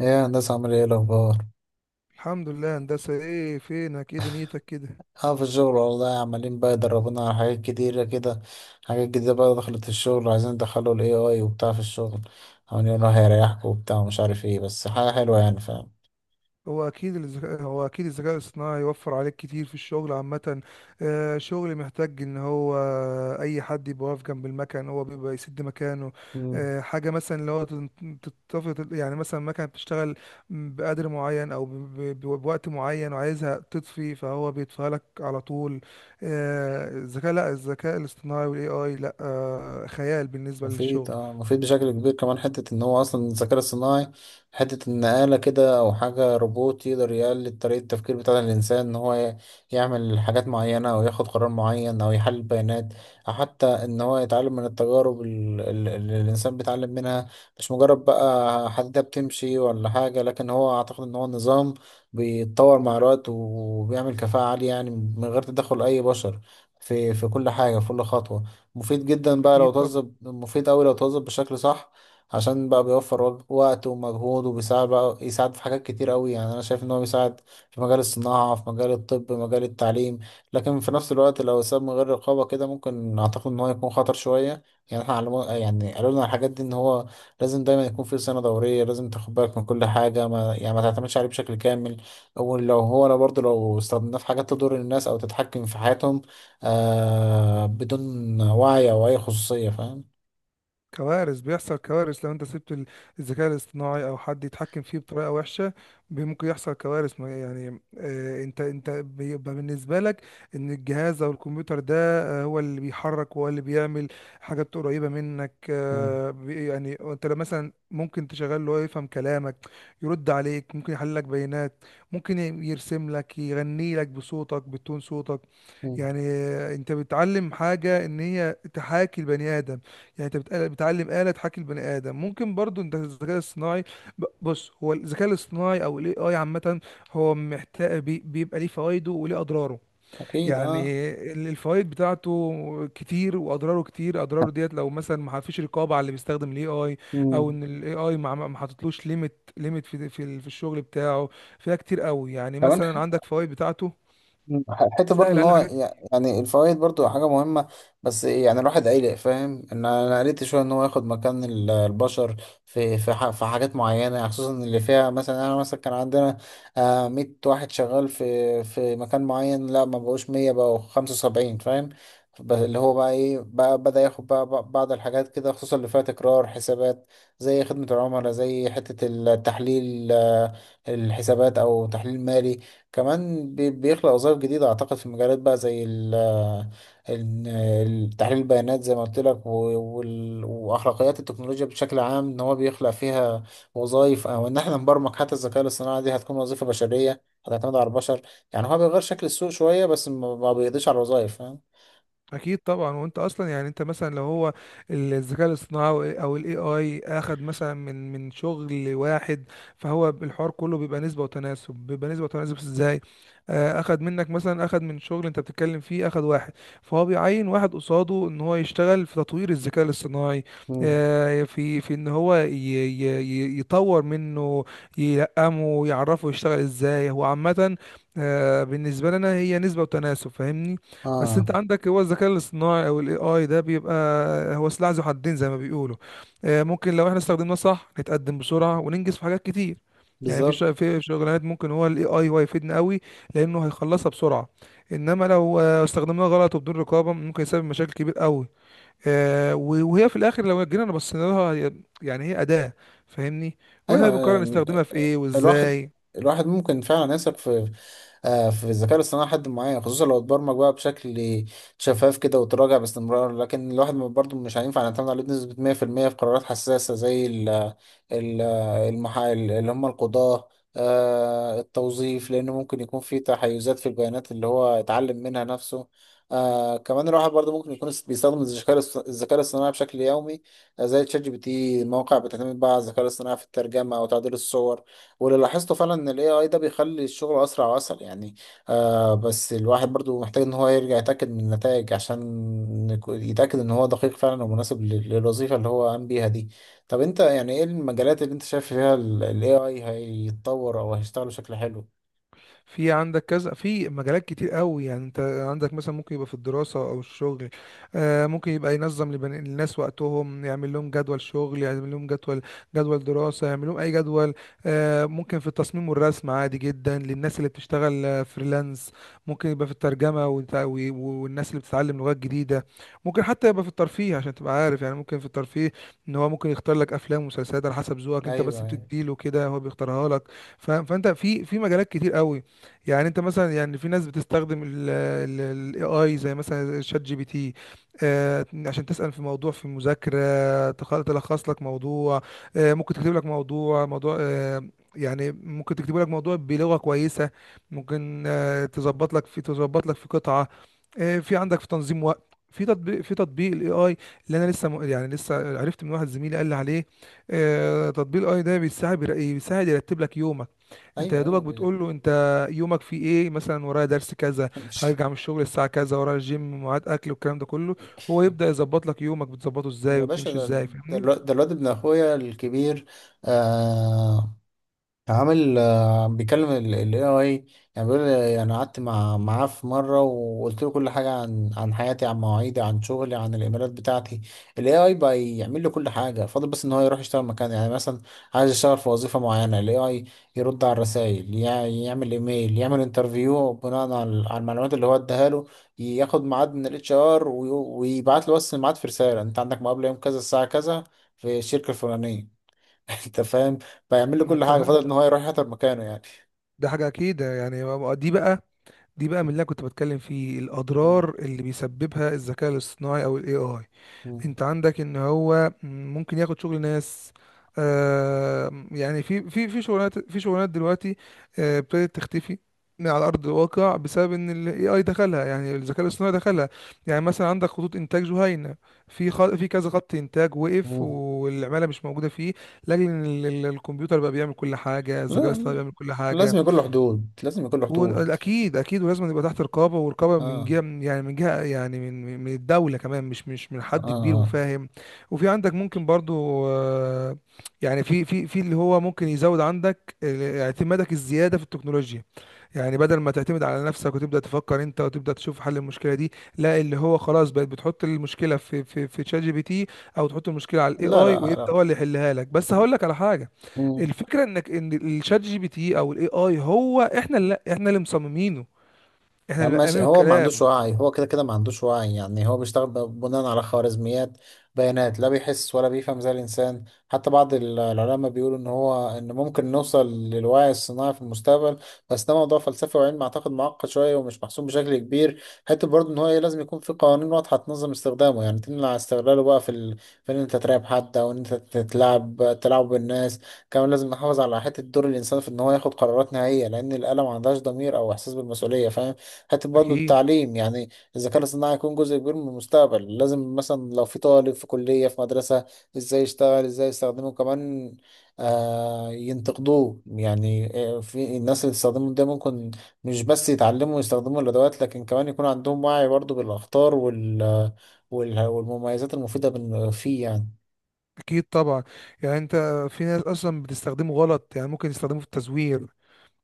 ايه يا هندسة، عامل ايه الأخبار؟ الحمد لله، هندسة. ايه فينك؟ ايه دنيتك كده؟ اه، في الشغل والله، عمالين بقى يدربونا على حاجات كتيرة كده. حاجات جديدة بقى دخلت الشغل، عايزين ندخلوا ال AI وبتاع في الشغل. عمالين يقولوا هيريحكوا وبتاع ومش عارف ايه، بس حاجة حلوة يعني. هو اكيد الذكاء الصناعي يوفر عليك كتير في الشغل عامة. شغل محتاج ان هو اي حد يبقى واقف جنب المكن، هو بيبقى يسد مكانه. فاهم. حاجة مثلا اللي هو تتفق، يعني مثلا مكنة بتشتغل بقدر معين او بوقت معين وعايزها تطفي، فهو بيطفيها لك على طول. الذكاء لا الذكاء الاصطناعي والاي اي لا خيال بالنسبة مفيد، للشغل. مفيد بشكل كبير، كمان حتة ان هو اصلا الذكاء الصناعي، حتة ان آلة كده او حاجة روبوت يقدر يقلد طريقة التفكير بتاع الانسان، ان هو يعمل حاجات معينة او ياخد قرار معين او يحلل بيانات، او حتى ان هو يتعلم من التجارب اللي الانسان بيتعلم منها. مش مجرد بقى حديدة بتمشي ولا حاجة، لكن هو اعتقد ان هو نظام بيتطور مع الوقت وبيعمل كفاءة عالية، يعني من غير تدخل اي بشر في كل حاجة، في كل خطوة. مفيد جدا بقى لو اكيد طبعا. توظف، مفيد أوي لو توظف بشكل صح، عشان بقى بيوفر وقت ومجهود، وبيساعد بقى يساعد في حاجات كتير أوي، يعني أنا شايف إن هو بيساعد في مجال الصناعة، في مجال الطب، مجال التعليم. لكن في نفس الوقت لو اتساب من غير رقابة كده، ممكن أعتقد إن هو يكون خطر شوية. يعني احنا علمونا، يعني قالوا لنا الحاجات دي، إن هو لازم دايما يكون في سنة دورية، لازم تاخد بالك من كل حاجة، ما يعني ما تعتمدش عليه بشكل كامل. ولو هو لو برضه لو استخدمناه في حاجات تضر الناس أو تتحكم في حياتهم، آه، بدون وعي أو أي خصوصية، فاهم. بيحصل كوارث لو انت سبت الذكاء الاصطناعي او حد يتحكم فيه بطريقه وحشه. ممكن يحصل كوارث، يعني انت بيبقى بالنسبه لك ان الجهاز او الكمبيوتر ده هو اللي بيحرك، هو اللي بيعمل حاجات قريبه منك. مم. يعني انت لو مثلا ممكن تشغل له يفهم كلامك، يرد عليك، ممكن يحلل لك بيانات، ممكن يرسم لك، يغني لك بصوتك بتون صوتك. مم. يعني انت بتعلم حاجة ان هي تحاكي البني ادم، يعني انت بتعلم آلة تحاكي البني ادم. ممكن برضو انت الذكاء الصناعي، بص، هو الذكاء الاصطناعي او الاي اي عامة هو محتاج بيبقى ليه فوائده وليه اضراره. أكيد، أه. يعني الفوائد بتاعته كتير واضراره كتير. اضراره ديت لو مثلا ما فيش رقابة على اللي بيستخدم الاي اي، او مم. ان الاي اي ما حطتلوش ليميت في الشغل بتاعه، فيها كتير قوي. يعني كمان. مثلا عندك فوائد بتاعته، مم. حته برضو سهل ان علينا هو حاجات. يعني الفوائد برضو حاجه مهمه. بس يعني الواحد قلق، فاهم ان انا قلقت شويه ان هو ياخد مكان البشر في في حاجات معينه، خصوصا اللي فيها، مثلا انا مثلا كان عندنا آه، 100 واحد شغال في مكان معين، لا ما بقوش 100، بقوا 75، فاهم. اللي هو بقى ايه، بقى بدأ ياخد بقى بعض الحاجات كده، خصوصا اللي فيها تكرار حسابات، زي خدمة العملاء، زي حتة التحليل، آه، الحسابات او تحليل مالي. كمان بيخلق وظائف جديدة، أعتقد في مجالات بقى، زي ال تحليل البيانات زي ما قلت لك، وأخلاقيات التكنولوجيا بشكل عام، إن هو بيخلق فيها وظائف، أو إن إحنا نبرمج حتى الذكاء الاصطناعي، دي هتكون وظيفة بشرية، هتعتمد على البشر. يعني هو بيغير شكل السوق شوية، بس ما بيقضيش على الوظائف، فاهم. اكيد طبعا. وانت اصلا يعني انت مثلا لو هو الذكاء الاصطناعي او الاي اي اخد مثلا من شغل واحد، فهو الحوار كله بيبقى نسبه وتناسب. بيبقى نسبه وتناسب ازاي؟ اخد منك، مثلا اخد من شغل انت بتتكلم فيه، اخد واحد، فهو بيعين واحد قصاده ان هو يشتغل في تطوير الذكاء الاصطناعي. مم. في ان هو يطور منه، يلقمه، يعرفه يشتغل ازاي هو عامه. بالنسبه لنا هي نسبه وتناسب، فاهمني. بس اه، انت عندك هو الذكاء الاصطناعي او الاي اي ده بيبقى هو سلاح ذو حدين زي ما بيقولوا. ممكن لو احنا استخدمناه صح نتقدم بسرعه وننجز في حاجات كتير. يعني بالظبط. في شغلانات ممكن هو الاي اي هو يفيدنا قوي لانه هيخلصها بسرعه. انما لو استخدمناه غلط وبدون رقابه ممكن يسبب مشاكل كبير قوي. وهي في الاخر لو جينا بصينا لها، يعني هي اداه، فاهمني، واحنا ايوه بنقرر يعني. نستخدمها في ايه الواحد، وازاي. ممكن فعلا يثق في آه، في الذكاء الاصطناعي لحد معين، خصوصا لو اتبرمج بقى بشكل شفاف كده وتراجع باستمرار، لكن الواحد برضه مش هينفع نعتمد عليه بنسبة 100% في المية في قرارات حساسة، زي ال ال المحا، اللي هم القضاة، آه، التوظيف، لأنه ممكن يكون في تحيزات في البيانات اللي هو اتعلم منها نفسه. آه كمان الواحد برضه ممكن يكون بيستخدم الذكاء الاصطناعي بشكل يومي، زي تشات جي بي تي، مواقع بتعتمد بقى على الذكاء الاصطناعي في الترجمه وتعديل الصور، واللي لاحظته فعلا ان الاي اي ده بيخلي الشغل اسرع واسهل يعني. آه بس الواحد برضو محتاج ان هو يرجع يتاكد من النتائج، عشان يتاكد ان هو دقيق فعلا ومناسب للوظيفه اللي هو قام بيها دي. طب انت، يعني ايه المجالات اللي انت شايف فيها الاي اي هيتطور او هيشتغل بشكل حلو؟ في عندك كذا، في مجالات كتير قوي يعني. انت عندك مثلا ممكن يبقى في الدراسة او الشغل. ممكن يبقى ينظم للناس وقتهم، يعمل لهم جدول شغل، يعمل لهم جدول دراسة، يعمل لهم اي جدول. ممكن في التصميم والرسم، عادي جدا للناس اللي بتشتغل فريلانس. ممكن يبقى في الترجمة والناس اللي بتتعلم لغات جديدة. ممكن حتى يبقى في الترفيه عشان تبقى عارف. يعني ممكن في الترفيه، ان هو ممكن يختار لك افلام ومسلسلات على حسب ذوقك، انت بس ايوه، بتديله كده هو بيختارها لك. فانت في مجالات كتير قوي. يعني انت مثلا يعني في ناس بتستخدم الاي اي زي مثلا شات جي بي تي، عشان تسأل في موضوع، في مذاكرة تلخص لك موضوع. ممكن تكتب لك موضوع، يعني ممكن تكتب لك موضوع بلغة كويسة. ممكن تظبط لك في قطعة. في عندك في تنظيم وقت، في تطبيق الاي اي اللي انا لسه يعني لسه عرفت من واحد زميلي قال لي عليه. تطبيق الاي ده بيساعد يرتب لك يومك. انت يا ايوه، ايوه، دوبك بتقول له انت يومك فيه ايه. مثلا ورايا درس كذا، مش. هرجع من الشغل الساعه كذا، ورايا الجيم، ميعاد اكل، والكلام ده كله. هو يبدا يظبط لك يومك بتظبطه ازاي يا باشا، وبتمشي ده، ازاي، فاهمني. ده الواد ابن اخويا الكبير، آه. عامل، آه، بيكلم ال AI. يعني بيقول لي انا قعدت معاه في مره، وقلت له كل حاجه عن حياتي، عن مواعيدي، عن شغلي، عن الايميلات بتاعتي. ال AI بقى يعمل له كل حاجه، فاضل بس ان هو يروح يشتغل مكان، يعني مثلا عايز يشتغل في وظيفه معينه، ال AI يرد على الرسائل، يعمل ايميل، يعمل انترفيو بناء على المعلومات اللي هو اداها له، ياخد ميعاد من الاتش ار ويبعت له، بس الميعاد في رساله: انت عندك مقابله يوم كذا الساعه كذا في الشركه الفلانيه. انت فاهم. فيعمل لي ما كل انت حاجه، فضل ان هو يروح يحضر مكانه يعني. ده حاجه اكيد يعني. دي بقى دي بقى من اللي أنا كنت بتكلم فيه، الاضرار اللي بيسببها الذكاء الاصطناعي او الاي اي. مم. انت عندك ان هو ممكن ياخد شغل ناس. يعني في شغلانات دلوقتي ابتدت تختفي على ارض الواقع بسبب ان الاي اي دخلها، يعني الذكاء الاصطناعي دخلها. يعني مثلا عندك خطوط انتاج جهينه، في كذا خط انتاج وقف مم. والعماله مش موجوده فيه، لاجل ان الكمبيوتر بقى بيعمل كل حاجه، الذكاء الاصطناعي لا، بيعمل كل حاجه. لازم يكون له حدود، لازم يكون له حدود. واكيد، ولازم يبقى تحت رقابه، ورقابه اه. من جهه يعني من الدوله كمان، مش من اه، حد كبير، آه. وفاهم. وفي عندك ممكن برضو، يعني في في في اللي هو ممكن يزود عندك اعتمادك، الزياده في التكنولوجيا. يعني بدل ما تعتمد على نفسك وتبدأ تفكر انت وتبدأ تشوف حل المشكلة دي، لا، اللي هو خلاص بقت بتحط المشكلة في في في شات جي بي تي، او تحط المشكلة على الاي لا اي لا ويبدأ هو لا. اللي يحلها لك. بس هقول لك على حاجة، مم. الفكرة انك ان الشات جي بي تي او الاي اي هو احنا اللي مصممينه، احنا يا اللي عم ماشي، مقامينه هو ما عندوش الكلام. وعي، هو كده كده ما عندوش وعي، يعني هو بيشتغل بناء على خوارزميات، بيانات، لا بيحس ولا بيفهم زي الإنسان. حتى بعض العلماء بيقولوا إن هو، إن ممكن نوصل للوعي الصناعي في المستقبل، بس ده موضوع فلسفي وعلم أعتقد معقد شوية ومش محسوم بشكل كبير. حتى برضه إن هو، إيه، لازم يكون في قوانين واضحة تنظم استخدامه، يعني تمنع استغلاله بقى في في إن أنت تراقب حد، أو إن أنت تلعب بالناس. كمان لازم نحافظ على حتة دور الإنسان في إن هو ياخد قرارات نهائية، لأن الآلة ما عندهاش ضمير أو إحساس بالمسؤولية، فاهم. حتة برضه اكيد، التعليم يعني، الذكاء الاصطناعي هيكون جزء كبير من المستقبل، لازم مثلا لو في طالب في كلية في مدرسة، ازاي يشتغل، ازاي يستخدمه، كمان آه ينتقدوه يعني. آه، في الناس اللي تستخدمه ده، ممكن مش بس يتعلموا ويستخدموا الأدوات، لكن كمان يكون عندهم وعي برضه بالأخطار والمميزات المفيدة فيه يعني. اكيد طبعا. يعني انت في ناس اصلا بتستخدمه غلط، يعني ممكن يستخدمه في التزوير،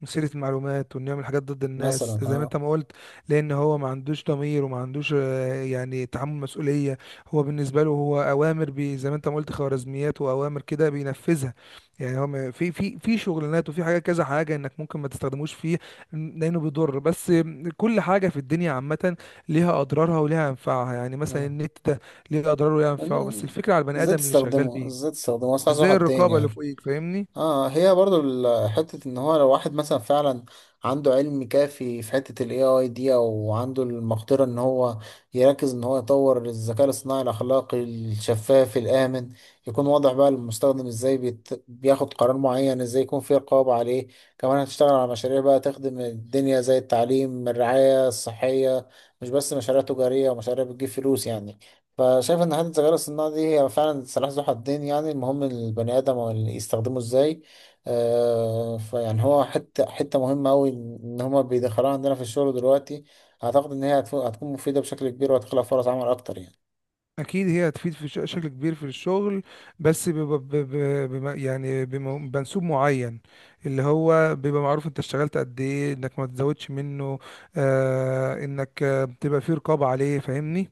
مثيرة المعلومات، وانه يعمل حاجات ضد مثلا، الناس زي ما اه. انت ما قلت. لان هو ما عندوش ضمير وما عندوش يعني تحمل مسؤولية. هو بالنسبة له هو اوامر، بي زي ما انت ما قلت خوارزميات واوامر كده بينفذها. يعني هو في شغلانات وفي حاجة كذا حاجة انك ممكن ما تستخدموش فيه لانه بيضر. بس كل حاجة في الدنيا عامة ليها اضرارها وليها انفعها. يعني مثلا اه. النت ده ليه اضراره وليه انفعه، بس الفكرة على البني ازاي ادم اللي شغال تستخدمه، بيه ازاي تستخدمه اصلا، عايز وازاي واحد تاني الرقابة اللي يعني. فوقيك، فاهمني. اه، هي برضو حتة ان هو لو واحد مثلا فعلا عنده علم كافي في حتة ال AI دي، او عنده المقدرة ان هو يركز ان هو يطور الذكاء الاصطناعي الاخلاقي الشفاف الامن، يكون واضح بقى للمستخدم ازاي بياخد قرار معين، ازاي يكون في رقابة عليه، كمان هتشتغل على مشاريع بقى تخدم الدنيا، زي التعليم، الرعاية الصحية، مش بس مشاريع تجارية ومشاريع بتجيب فلوس يعني. فشايف ان حته الذكاء الصناعي دي هي فعلا سلاح ذو حدين، يعني المهم البني ادم واللي يستخدمه ازاي. آه، فيعني هو حته مهمه قوي ان هما بيدخلوها عندنا في الشغل دلوقتي، اعتقد ان هي هتكون مفيده بشكل كبير، وهتخلق فرص عمل اكتر يعني. اكيد هي هتفيد في شكل كبير في الشغل، بس بيبقى بمنسوب معين، اللي هو بيبقى معروف انت اشتغلت قد ايه، انك ما تزودش منه. انك بتبقى فيه رقابة عليه، فاهمني.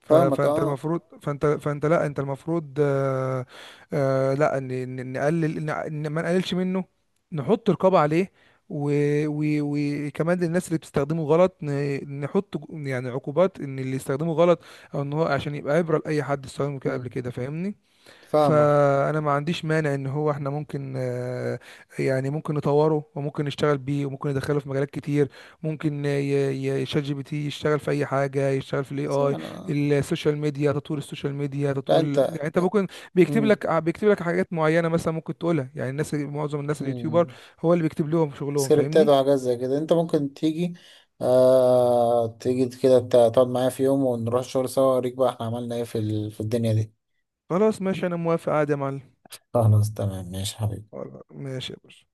ف- فاهمك، فانت اه. المفروض فانت فانت لا انت المفروض، آه، لا، ما نقللش منه، نحط رقابة عليه. و- و- وكمان للناس اللي بتستخدمه غلط، نحط يعني عقوبات، ان اللي يستخدمه غلط او ان هو عشان يبقى عبرة لأي حد استخدمه كده قبل مم. كده، فاهمني. فاهمك. فانا ما عنديش مانع ان هو احنا ممكن، يعني ممكن نطوره وممكن نشتغل بيه وممكن ندخله في مجالات كتير. ممكن شات جي بي تي يشتغل في اي حاجه، يشتغل في الاي بس اي، أنا... السوشيال ميديا، تطوير السوشيال ميديا، لا انت. يعني انت ممكن مم. بيكتب لك حاجات معينه مثلا ممكن تقولها. يعني الناس، معظم الناس اليوتيوبر، مم. هو اللي بيكتب لهم شغلهم، سكريبتات فاهمني. وحاجات زي كده، انت ممكن تيجي، آه تيجي كده، تقعد معايا في يوم ونروح الشغل سوا، اوريك بقى احنا عملنا ايه في في الدنيا دي. خلاص، ماشي، انا موافق عادي يا معلم. خلاص تمام، ماشي حبيبي. خلاص، ماشي يا باشا.